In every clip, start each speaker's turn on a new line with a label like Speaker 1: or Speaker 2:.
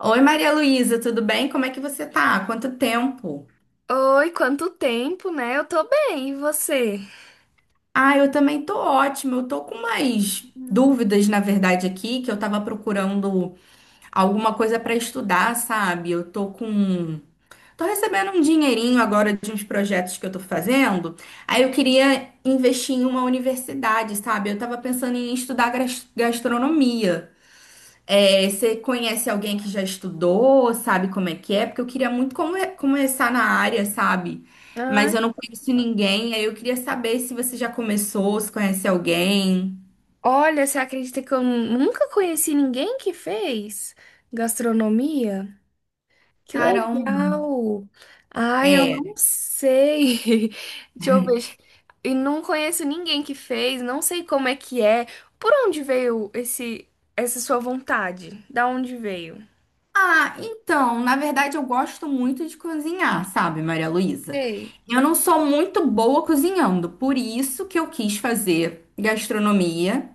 Speaker 1: Oi, Maria Luísa, tudo bem? Como é que você tá? Quanto tempo?
Speaker 2: Oi, quanto tempo, né? Eu tô bem, e você?
Speaker 1: Ah, eu também tô ótima. Eu tô com umas
Speaker 2: Hum.
Speaker 1: dúvidas, na verdade, aqui, que eu tava procurando alguma coisa pra estudar, sabe? Eu tô com. Tô recebendo um dinheirinho agora de uns projetos que eu tô fazendo. Aí eu queria investir em uma universidade, sabe? Eu tava pensando em estudar gastronomia. É, você conhece alguém que já estudou, sabe como é que é? Porque eu queria muito começar na área, sabe?
Speaker 2: Ah,
Speaker 1: Mas eu não conheço ninguém, aí eu queria saber se você já começou, se conhece alguém.
Speaker 2: olha, você acredita que eu nunca conheci ninguém que fez gastronomia? Que
Speaker 1: Caramba.
Speaker 2: legal! Ai, eu não
Speaker 1: É.
Speaker 2: sei. Deixa eu ver. E não conheço ninguém que fez, não sei como é que é. Por onde veio esse essa sua vontade? Da onde veio?
Speaker 1: Ah, então, na verdade eu gosto muito de cozinhar, sabe, Maria Luísa?
Speaker 2: Sei.
Speaker 1: Eu não sou muito boa cozinhando, por isso que eu quis fazer gastronomia.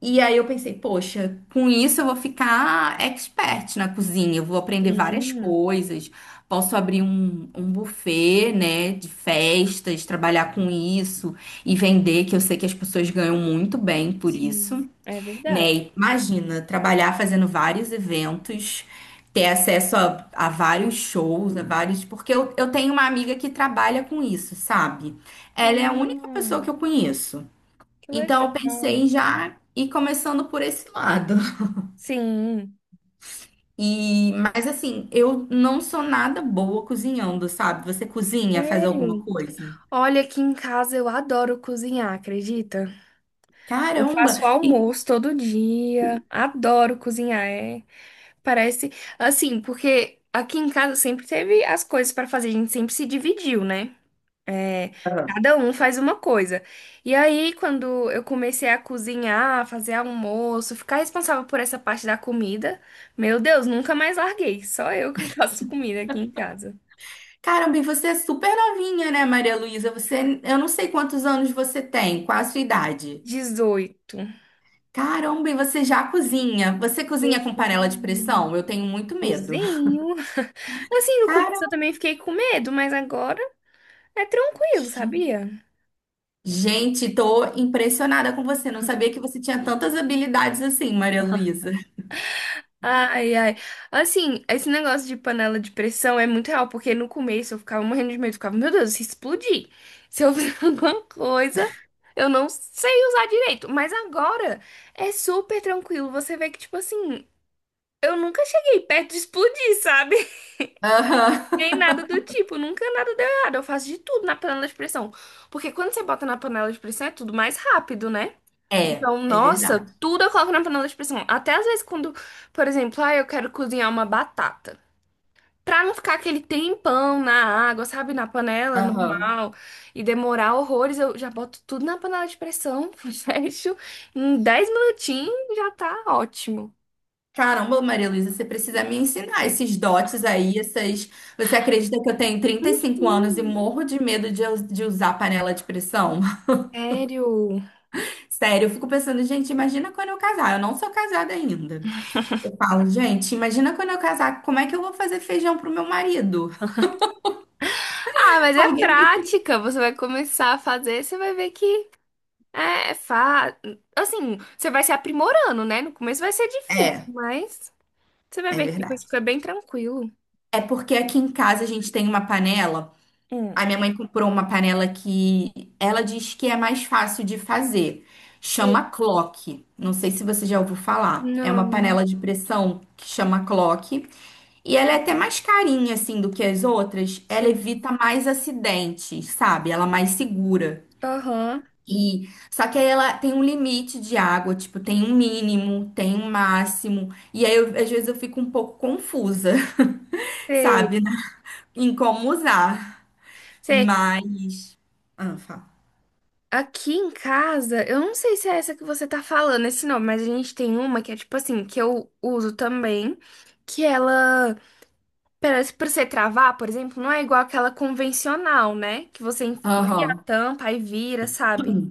Speaker 1: E aí eu pensei, poxa, com isso eu vou ficar expert na cozinha, eu vou aprender várias
Speaker 2: Sim,
Speaker 1: coisas, posso abrir um buffet, né, de festas, trabalhar com isso e vender, que eu sei que as pessoas ganham muito bem por
Speaker 2: sim,
Speaker 1: isso,
Speaker 2: é
Speaker 1: né?
Speaker 2: verdade.
Speaker 1: E imagina, trabalhar fazendo vários eventos, ter acesso a vários shows, a vários. Porque eu tenho uma amiga que trabalha com isso, sabe? Ela é a única
Speaker 2: Ah,
Speaker 1: pessoa que eu conheço.
Speaker 2: que
Speaker 1: Então eu
Speaker 2: legal.
Speaker 1: pensei já ir começando por esse lado.
Speaker 2: Sim.
Speaker 1: E, mas assim, eu não sou nada boa cozinhando, sabe? Você cozinha, faz alguma
Speaker 2: Sério?
Speaker 1: coisa?
Speaker 2: Olha, aqui em casa eu adoro cozinhar, acredita? Eu
Speaker 1: Caramba!
Speaker 2: faço
Speaker 1: E
Speaker 2: almoço todo dia, adoro cozinhar, é. Parece assim, porque aqui em casa sempre teve as coisas pra fazer, a gente sempre se dividiu, né? É, cada um faz uma coisa. E aí, quando eu comecei a cozinhar, fazer almoço, ficar responsável por essa parte da comida, meu Deus, nunca mais larguei. Só eu que faço comida aqui em casa.
Speaker 1: caramba, e você é super novinha, né, Maria Luísa? Você, eu não sei quantos anos você tem, qual a sua idade?
Speaker 2: 18.
Speaker 1: Caramba, e você já cozinha? Você cozinha com panela de
Speaker 2: Cozinho.
Speaker 1: pressão? Eu tenho muito medo.
Speaker 2: Cozinho. Assim, no começo eu
Speaker 1: Caramba!
Speaker 2: também fiquei com medo, mas agora é tranquilo, sabia?
Speaker 1: Gente, tô impressionada com você. Não sabia que você tinha tantas habilidades assim, Maria Luísa.
Speaker 2: Ai, ai. Assim, esse negócio de panela de pressão é muito real, porque no começo eu ficava morrendo de medo, eu ficava, meu Deus, se explodir, se eu fizer alguma coisa, eu não sei usar direito. Mas agora é super tranquilo. Você vê que, tipo assim, eu nunca cheguei perto de explodir, sabe? Nem
Speaker 1: Aham.
Speaker 2: nada do tipo, nunca nada deu errado. Eu faço de tudo na panela de pressão. Porque quando você bota na panela de pressão é tudo mais rápido, né?
Speaker 1: É,
Speaker 2: Então,
Speaker 1: é
Speaker 2: nossa,
Speaker 1: verdade.
Speaker 2: tudo eu coloco na panela de pressão. Até às vezes quando, por exemplo, ah, eu quero cozinhar uma batata. Pra não ficar aquele tempão na água, sabe? Na panela
Speaker 1: Aham.
Speaker 2: normal e demorar horrores, eu já boto tudo na panela de pressão, fecho. Em 10 minutinhos já tá ótimo.
Speaker 1: Caramba, Maria Luísa, você precisa me ensinar esses dotes aí, essas... Você acredita que eu tenho 35 anos e
Speaker 2: Sim.
Speaker 1: morro de medo de, de usar panela de pressão?
Speaker 2: Sério?
Speaker 1: Sério, eu fico pensando, gente, imagina quando eu casar. Eu não sou casada ainda. Eu falo, gente, imagina quando eu casar, como é que eu vou fazer feijão pro meu marido?
Speaker 2: Ah, mas é
Speaker 1: Alguém me...
Speaker 2: prática. Você vai começar a fazer, você vai ver que é, é assim, você vai se aprimorando, né? No começo vai ser difícil,
Speaker 1: É,
Speaker 2: mas você vai
Speaker 1: é
Speaker 2: ver que depois
Speaker 1: verdade.
Speaker 2: fica bem tranquilo.
Speaker 1: É porque aqui em casa a gente tem uma panela. A
Speaker 2: Hum.
Speaker 1: minha mãe comprou uma panela que ela diz que é mais fácil de fazer.
Speaker 2: Sei.
Speaker 1: Chama clock. Não sei se você já ouviu falar. É uma
Speaker 2: Não,
Speaker 1: panela de pressão que chama clock. E ela é até mais carinha, assim, do que as outras. Ela
Speaker 2: sei.
Speaker 1: evita mais acidentes, sabe? Ela é mais segura.
Speaker 2: Aham,
Speaker 1: E só que aí ela tem um limite de água, tipo, tem um mínimo, tem um máximo. E aí, às vezes, eu fico um pouco confusa,
Speaker 2: sei.
Speaker 1: sabe? Né? Em como usar.
Speaker 2: Sei.
Speaker 1: Mas. Ah, fala.
Speaker 2: Aqui em casa, eu não sei se é essa que você tá falando, esse nome, mas a gente tem uma que é tipo assim, que eu uso também, que ela, pra você travar, por exemplo, não é igual aquela convencional, né? Que você enfia a
Speaker 1: Aham.
Speaker 2: tampa e vira, sabe?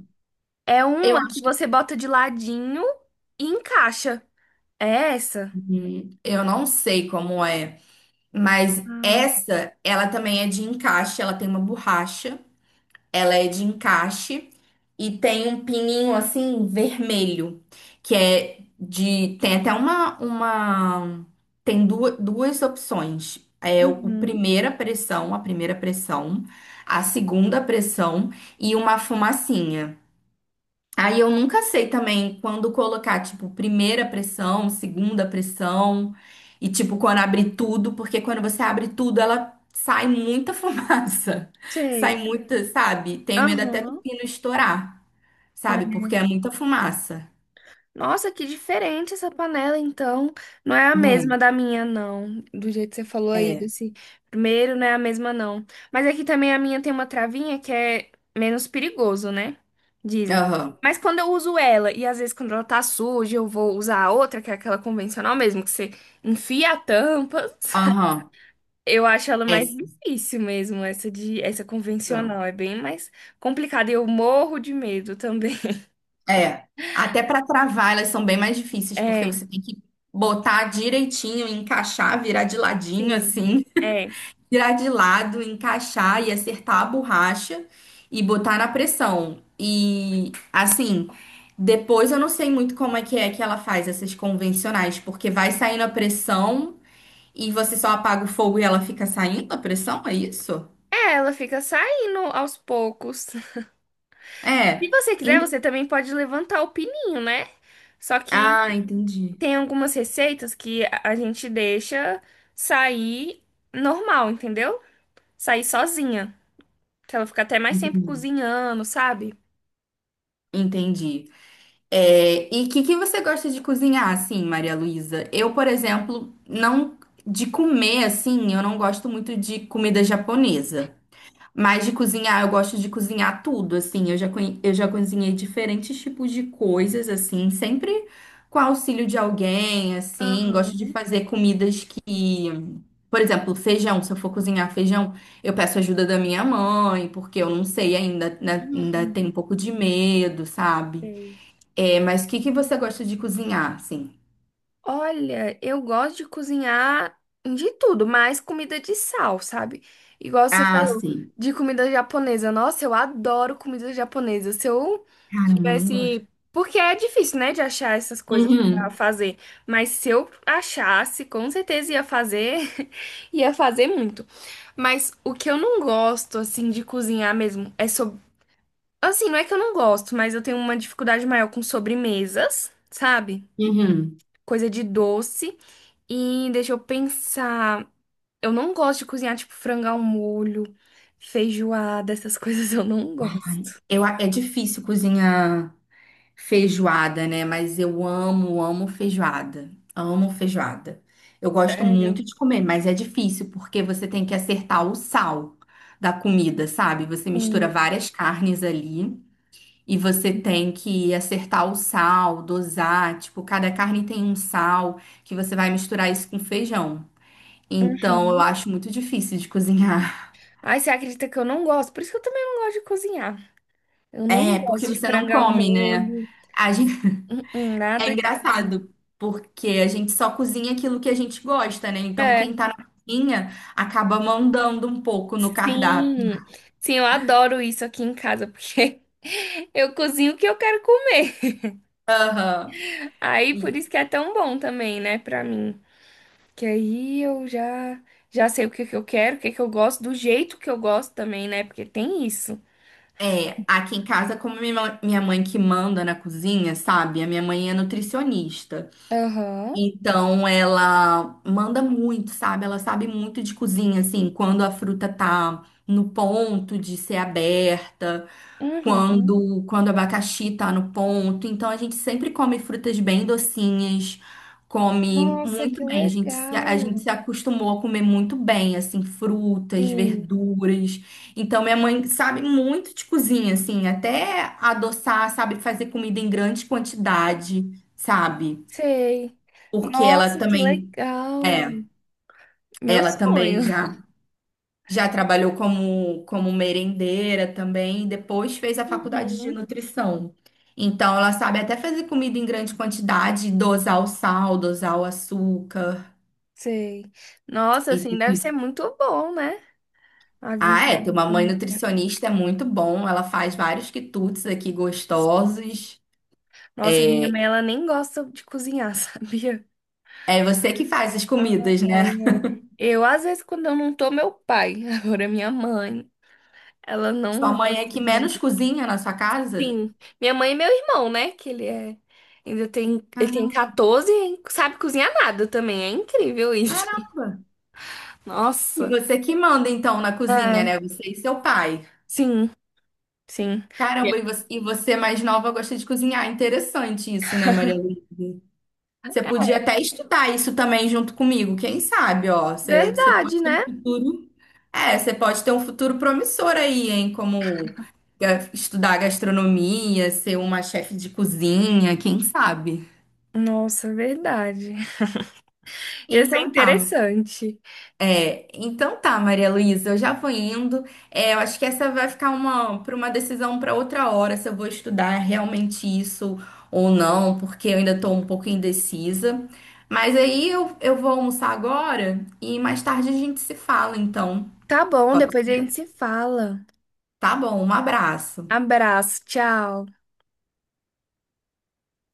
Speaker 2: É
Speaker 1: Eu
Speaker 2: uma que
Speaker 1: acho que
Speaker 2: você bota de ladinho e encaixa. É essa?
Speaker 1: eu não sei como é, mas
Speaker 2: Ah,
Speaker 1: essa ela também é de encaixe, ela tem uma borracha, ela é de encaixe e tem um pininho assim vermelho, que é de tem até uma tem duas opções. É o
Speaker 2: uhum.
Speaker 1: primeira pressão, a segunda pressão e uma fumacinha. Aí eu nunca sei também quando colocar, tipo, primeira pressão, segunda pressão, e tipo, quando abrir tudo, porque quando você abre tudo, ela sai muita fumaça. Sai
Speaker 2: Sei.
Speaker 1: muita, sabe? Tenho medo até do
Speaker 2: Aham.
Speaker 1: pino estourar,
Speaker 2: É.
Speaker 1: sabe? Porque é muita fumaça.
Speaker 2: Nossa, que diferente essa panela, então. Não é a mesma da minha, não. Do jeito que você falou
Speaker 1: É,
Speaker 2: aí,
Speaker 1: é.
Speaker 2: desse primeiro, não é a mesma, não. Mas aqui também a minha tem uma travinha que é menos perigoso, né? Dizem.
Speaker 1: Aham,
Speaker 2: Mas quando eu uso ela, e às vezes quando ela tá suja, eu vou usar a outra, que é aquela convencional mesmo, que você enfia a tampa.
Speaker 1: aham.
Speaker 2: Eu acho ela mais
Speaker 1: Essas
Speaker 2: difícil mesmo, essa
Speaker 1: são.
Speaker 2: convencional. É bem mais complicada. E eu morro de medo também.
Speaker 1: É. Até para travar, elas são bem mais difíceis, porque
Speaker 2: É,
Speaker 1: você tem que botar direitinho, encaixar, virar de ladinho,
Speaker 2: sim.
Speaker 1: assim.
Speaker 2: É.
Speaker 1: Tirar de lado, encaixar e acertar a borracha e botar na pressão. E assim, depois eu não sei muito como é que ela faz essas convencionais, porque vai saindo a pressão e você só apaga o fogo e ela fica saindo a pressão, é isso?
Speaker 2: É, ela fica saindo aos poucos. Se
Speaker 1: É.
Speaker 2: você quiser,
Speaker 1: En-
Speaker 2: você também pode levantar o pininho, né? Só que
Speaker 1: Ah, entendi.
Speaker 2: tem algumas receitas que a gente deixa sair normal, entendeu? Sair sozinha. Que ela fica até mais tempo
Speaker 1: Entendi.
Speaker 2: cozinhando, sabe?
Speaker 1: Entendi. É, e o que que você gosta de cozinhar, assim, Maria Luísa? Eu, por exemplo, não de comer assim, eu não gosto muito de comida japonesa. Mas de cozinhar, eu gosto de cozinhar tudo, assim. Eu já, eu já cozinhei diferentes tipos de coisas, assim, sempre com auxílio de alguém, assim. Gosto de
Speaker 2: Aham.
Speaker 1: fazer comidas que, por exemplo, feijão. Se eu for cozinhar feijão, eu peço ajuda da minha mãe, porque eu não sei ainda, né? Ainda
Speaker 2: Uhum.
Speaker 1: tenho um pouco de medo, sabe?
Speaker 2: Sei.
Speaker 1: É, mas o que que você gosta de cozinhar, assim?
Speaker 2: Olha, eu gosto de cozinhar de tudo, mas comida de sal, sabe? Igual você
Speaker 1: Ah,
Speaker 2: falou,
Speaker 1: sim.
Speaker 2: de comida japonesa. Nossa, eu adoro comida japonesa. Se eu
Speaker 1: Caramba, eu não gosto.
Speaker 2: tivesse. Porque é difícil, né, de achar essas coisas pra
Speaker 1: Uhum,
Speaker 2: fazer. Mas se eu achasse, com certeza ia fazer. Ia fazer muito. Mas o que eu não gosto, assim, de cozinhar mesmo é sobre. Assim, não é que eu não gosto, mas eu tenho uma dificuldade maior com sobremesas, sabe?
Speaker 1: uhum.
Speaker 2: Coisa de doce. E deixa eu pensar. Eu não gosto de cozinhar, tipo, frango ao molho, feijoada, essas coisas eu não
Speaker 1: Ai,
Speaker 2: gosto.
Speaker 1: eu, a- é difícil cozinhar. Feijoada, né? Mas eu amo, amo feijoada. Amo feijoada. Eu gosto
Speaker 2: Sério?
Speaker 1: muito de comer, mas é difícil porque você tem que acertar o sal da comida, sabe? Você mistura
Speaker 2: Sim.
Speaker 1: várias carnes ali e você tem que acertar o sal, dosar. Tipo, cada carne tem um sal que você vai misturar isso com feijão. Então, eu
Speaker 2: Uhum.
Speaker 1: acho muito difícil de cozinhar.
Speaker 2: Ai, você acredita que eu não gosto? Por isso que eu também não gosto de cozinhar. Eu não
Speaker 1: É, porque
Speaker 2: gosto de
Speaker 1: você não
Speaker 2: frango ao
Speaker 1: come, né?
Speaker 2: molho,
Speaker 1: A gente.
Speaker 2: uhum,
Speaker 1: É
Speaker 2: nada disso.
Speaker 1: engraçado, porque a gente só cozinha aquilo que a gente gosta, né? Então, quem
Speaker 2: É,
Speaker 1: tá na cozinha acaba mandando um pouco no cardápio.
Speaker 2: sim. Sim, eu adoro isso aqui em casa, porque eu cozinho o que eu quero comer.
Speaker 1: Aham.
Speaker 2: Aí, por isso que é tão bom também, né, pra mim. Que aí eu já sei o que que eu quero, o que que eu gosto, do jeito que eu gosto também, né? Porque tem isso.
Speaker 1: É, aqui em casa, como minha minha mãe que manda na cozinha, sabe? A minha mãe é nutricionista.
Speaker 2: Aham.
Speaker 1: Então ela manda muito, sabe? Ela sabe muito de cozinha, assim, quando a fruta tá no ponto de ser aberta,
Speaker 2: Uhum.
Speaker 1: quando o abacaxi tá no ponto. Então a gente sempre come frutas bem docinhas, come
Speaker 2: Nossa, que
Speaker 1: muito bem. A gente
Speaker 2: legal.
Speaker 1: se acostumou a comer muito bem, assim, frutas,
Speaker 2: Sim,
Speaker 1: verduras. Então minha mãe sabe muito de cozinha, assim, até adoçar, sabe fazer comida em grande quantidade, sabe?
Speaker 2: sei.
Speaker 1: Porque ela
Speaker 2: Nossa, que
Speaker 1: também
Speaker 2: legal.
Speaker 1: é,
Speaker 2: Meu
Speaker 1: ela também
Speaker 2: sonho.
Speaker 1: já trabalhou como merendeira também, e depois fez a faculdade de
Speaker 2: Uhum.
Speaker 1: nutrição. Então ela sabe até fazer comida em grande quantidade, dosar o sal, dosar o açúcar.
Speaker 2: Sei. Nossa, assim, deve
Speaker 1: E-
Speaker 2: ser muito bom, né? A vida
Speaker 1: Ah, é, ter
Speaker 2: em
Speaker 1: uma mãe
Speaker 2: família.
Speaker 1: nutricionista é muito bom. Ela faz vários quitutes aqui gostosos.
Speaker 2: Nossa, minha
Speaker 1: É,
Speaker 2: mãe, ela nem gosta de cozinhar, sabia?
Speaker 1: é você que faz as
Speaker 2: Ai,
Speaker 1: comidas,
Speaker 2: ai,
Speaker 1: né?
Speaker 2: é. Eu, às vezes, quando eu não tô, meu pai. Agora, é minha mãe. Ela
Speaker 1: Sua
Speaker 2: não
Speaker 1: mãe é
Speaker 2: gosta
Speaker 1: que
Speaker 2: de.
Speaker 1: menos cozinha na sua casa?
Speaker 2: Sim. Minha mãe e meu irmão, né? Que ele é. Ainda tem. Ele tem
Speaker 1: Caramba.
Speaker 2: 14 e hein, sabe cozinhar nada também. É incrível isso.
Speaker 1: Caramba. E
Speaker 2: Nossa.
Speaker 1: você que manda então na cozinha,
Speaker 2: É.
Speaker 1: né? Você e seu pai.
Speaker 2: Sim, sim. E é
Speaker 1: Caramba, e você, mais nova gosta de cozinhar. Interessante isso, né, Maria Luísa? Você podia até estudar isso também junto comigo. Quem sabe, ó. Você,
Speaker 2: verdade,
Speaker 1: pode ter um
Speaker 2: né?
Speaker 1: futuro. É, você pode ter um futuro promissor aí, hein? Como estudar gastronomia, ser uma chefe de cozinha, quem sabe?
Speaker 2: Nossa, é verdade. Ia ser
Speaker 1: Então tá,
Speaker 2: interessante.
Speaker 1: É, então tá, Maria Luísa, eu já vou indo. É, eu acho que essa vai ficar uma decisão para outra hora se eu vou estudar realmente isso ou não, porque eu ainda estou um pouco indecisa. Mas aí eu vou almoçar agora e mais tarde a gente se fala, então.
Speaker 2: Tá bom,
Speaker 1: Pode
Speaker 2: depois a gente
Speaker 1: ser?
Speaker 2: se fala.
Speaker 1: Tá bom, um abraço.
Speaker 2: Abraço, tchau.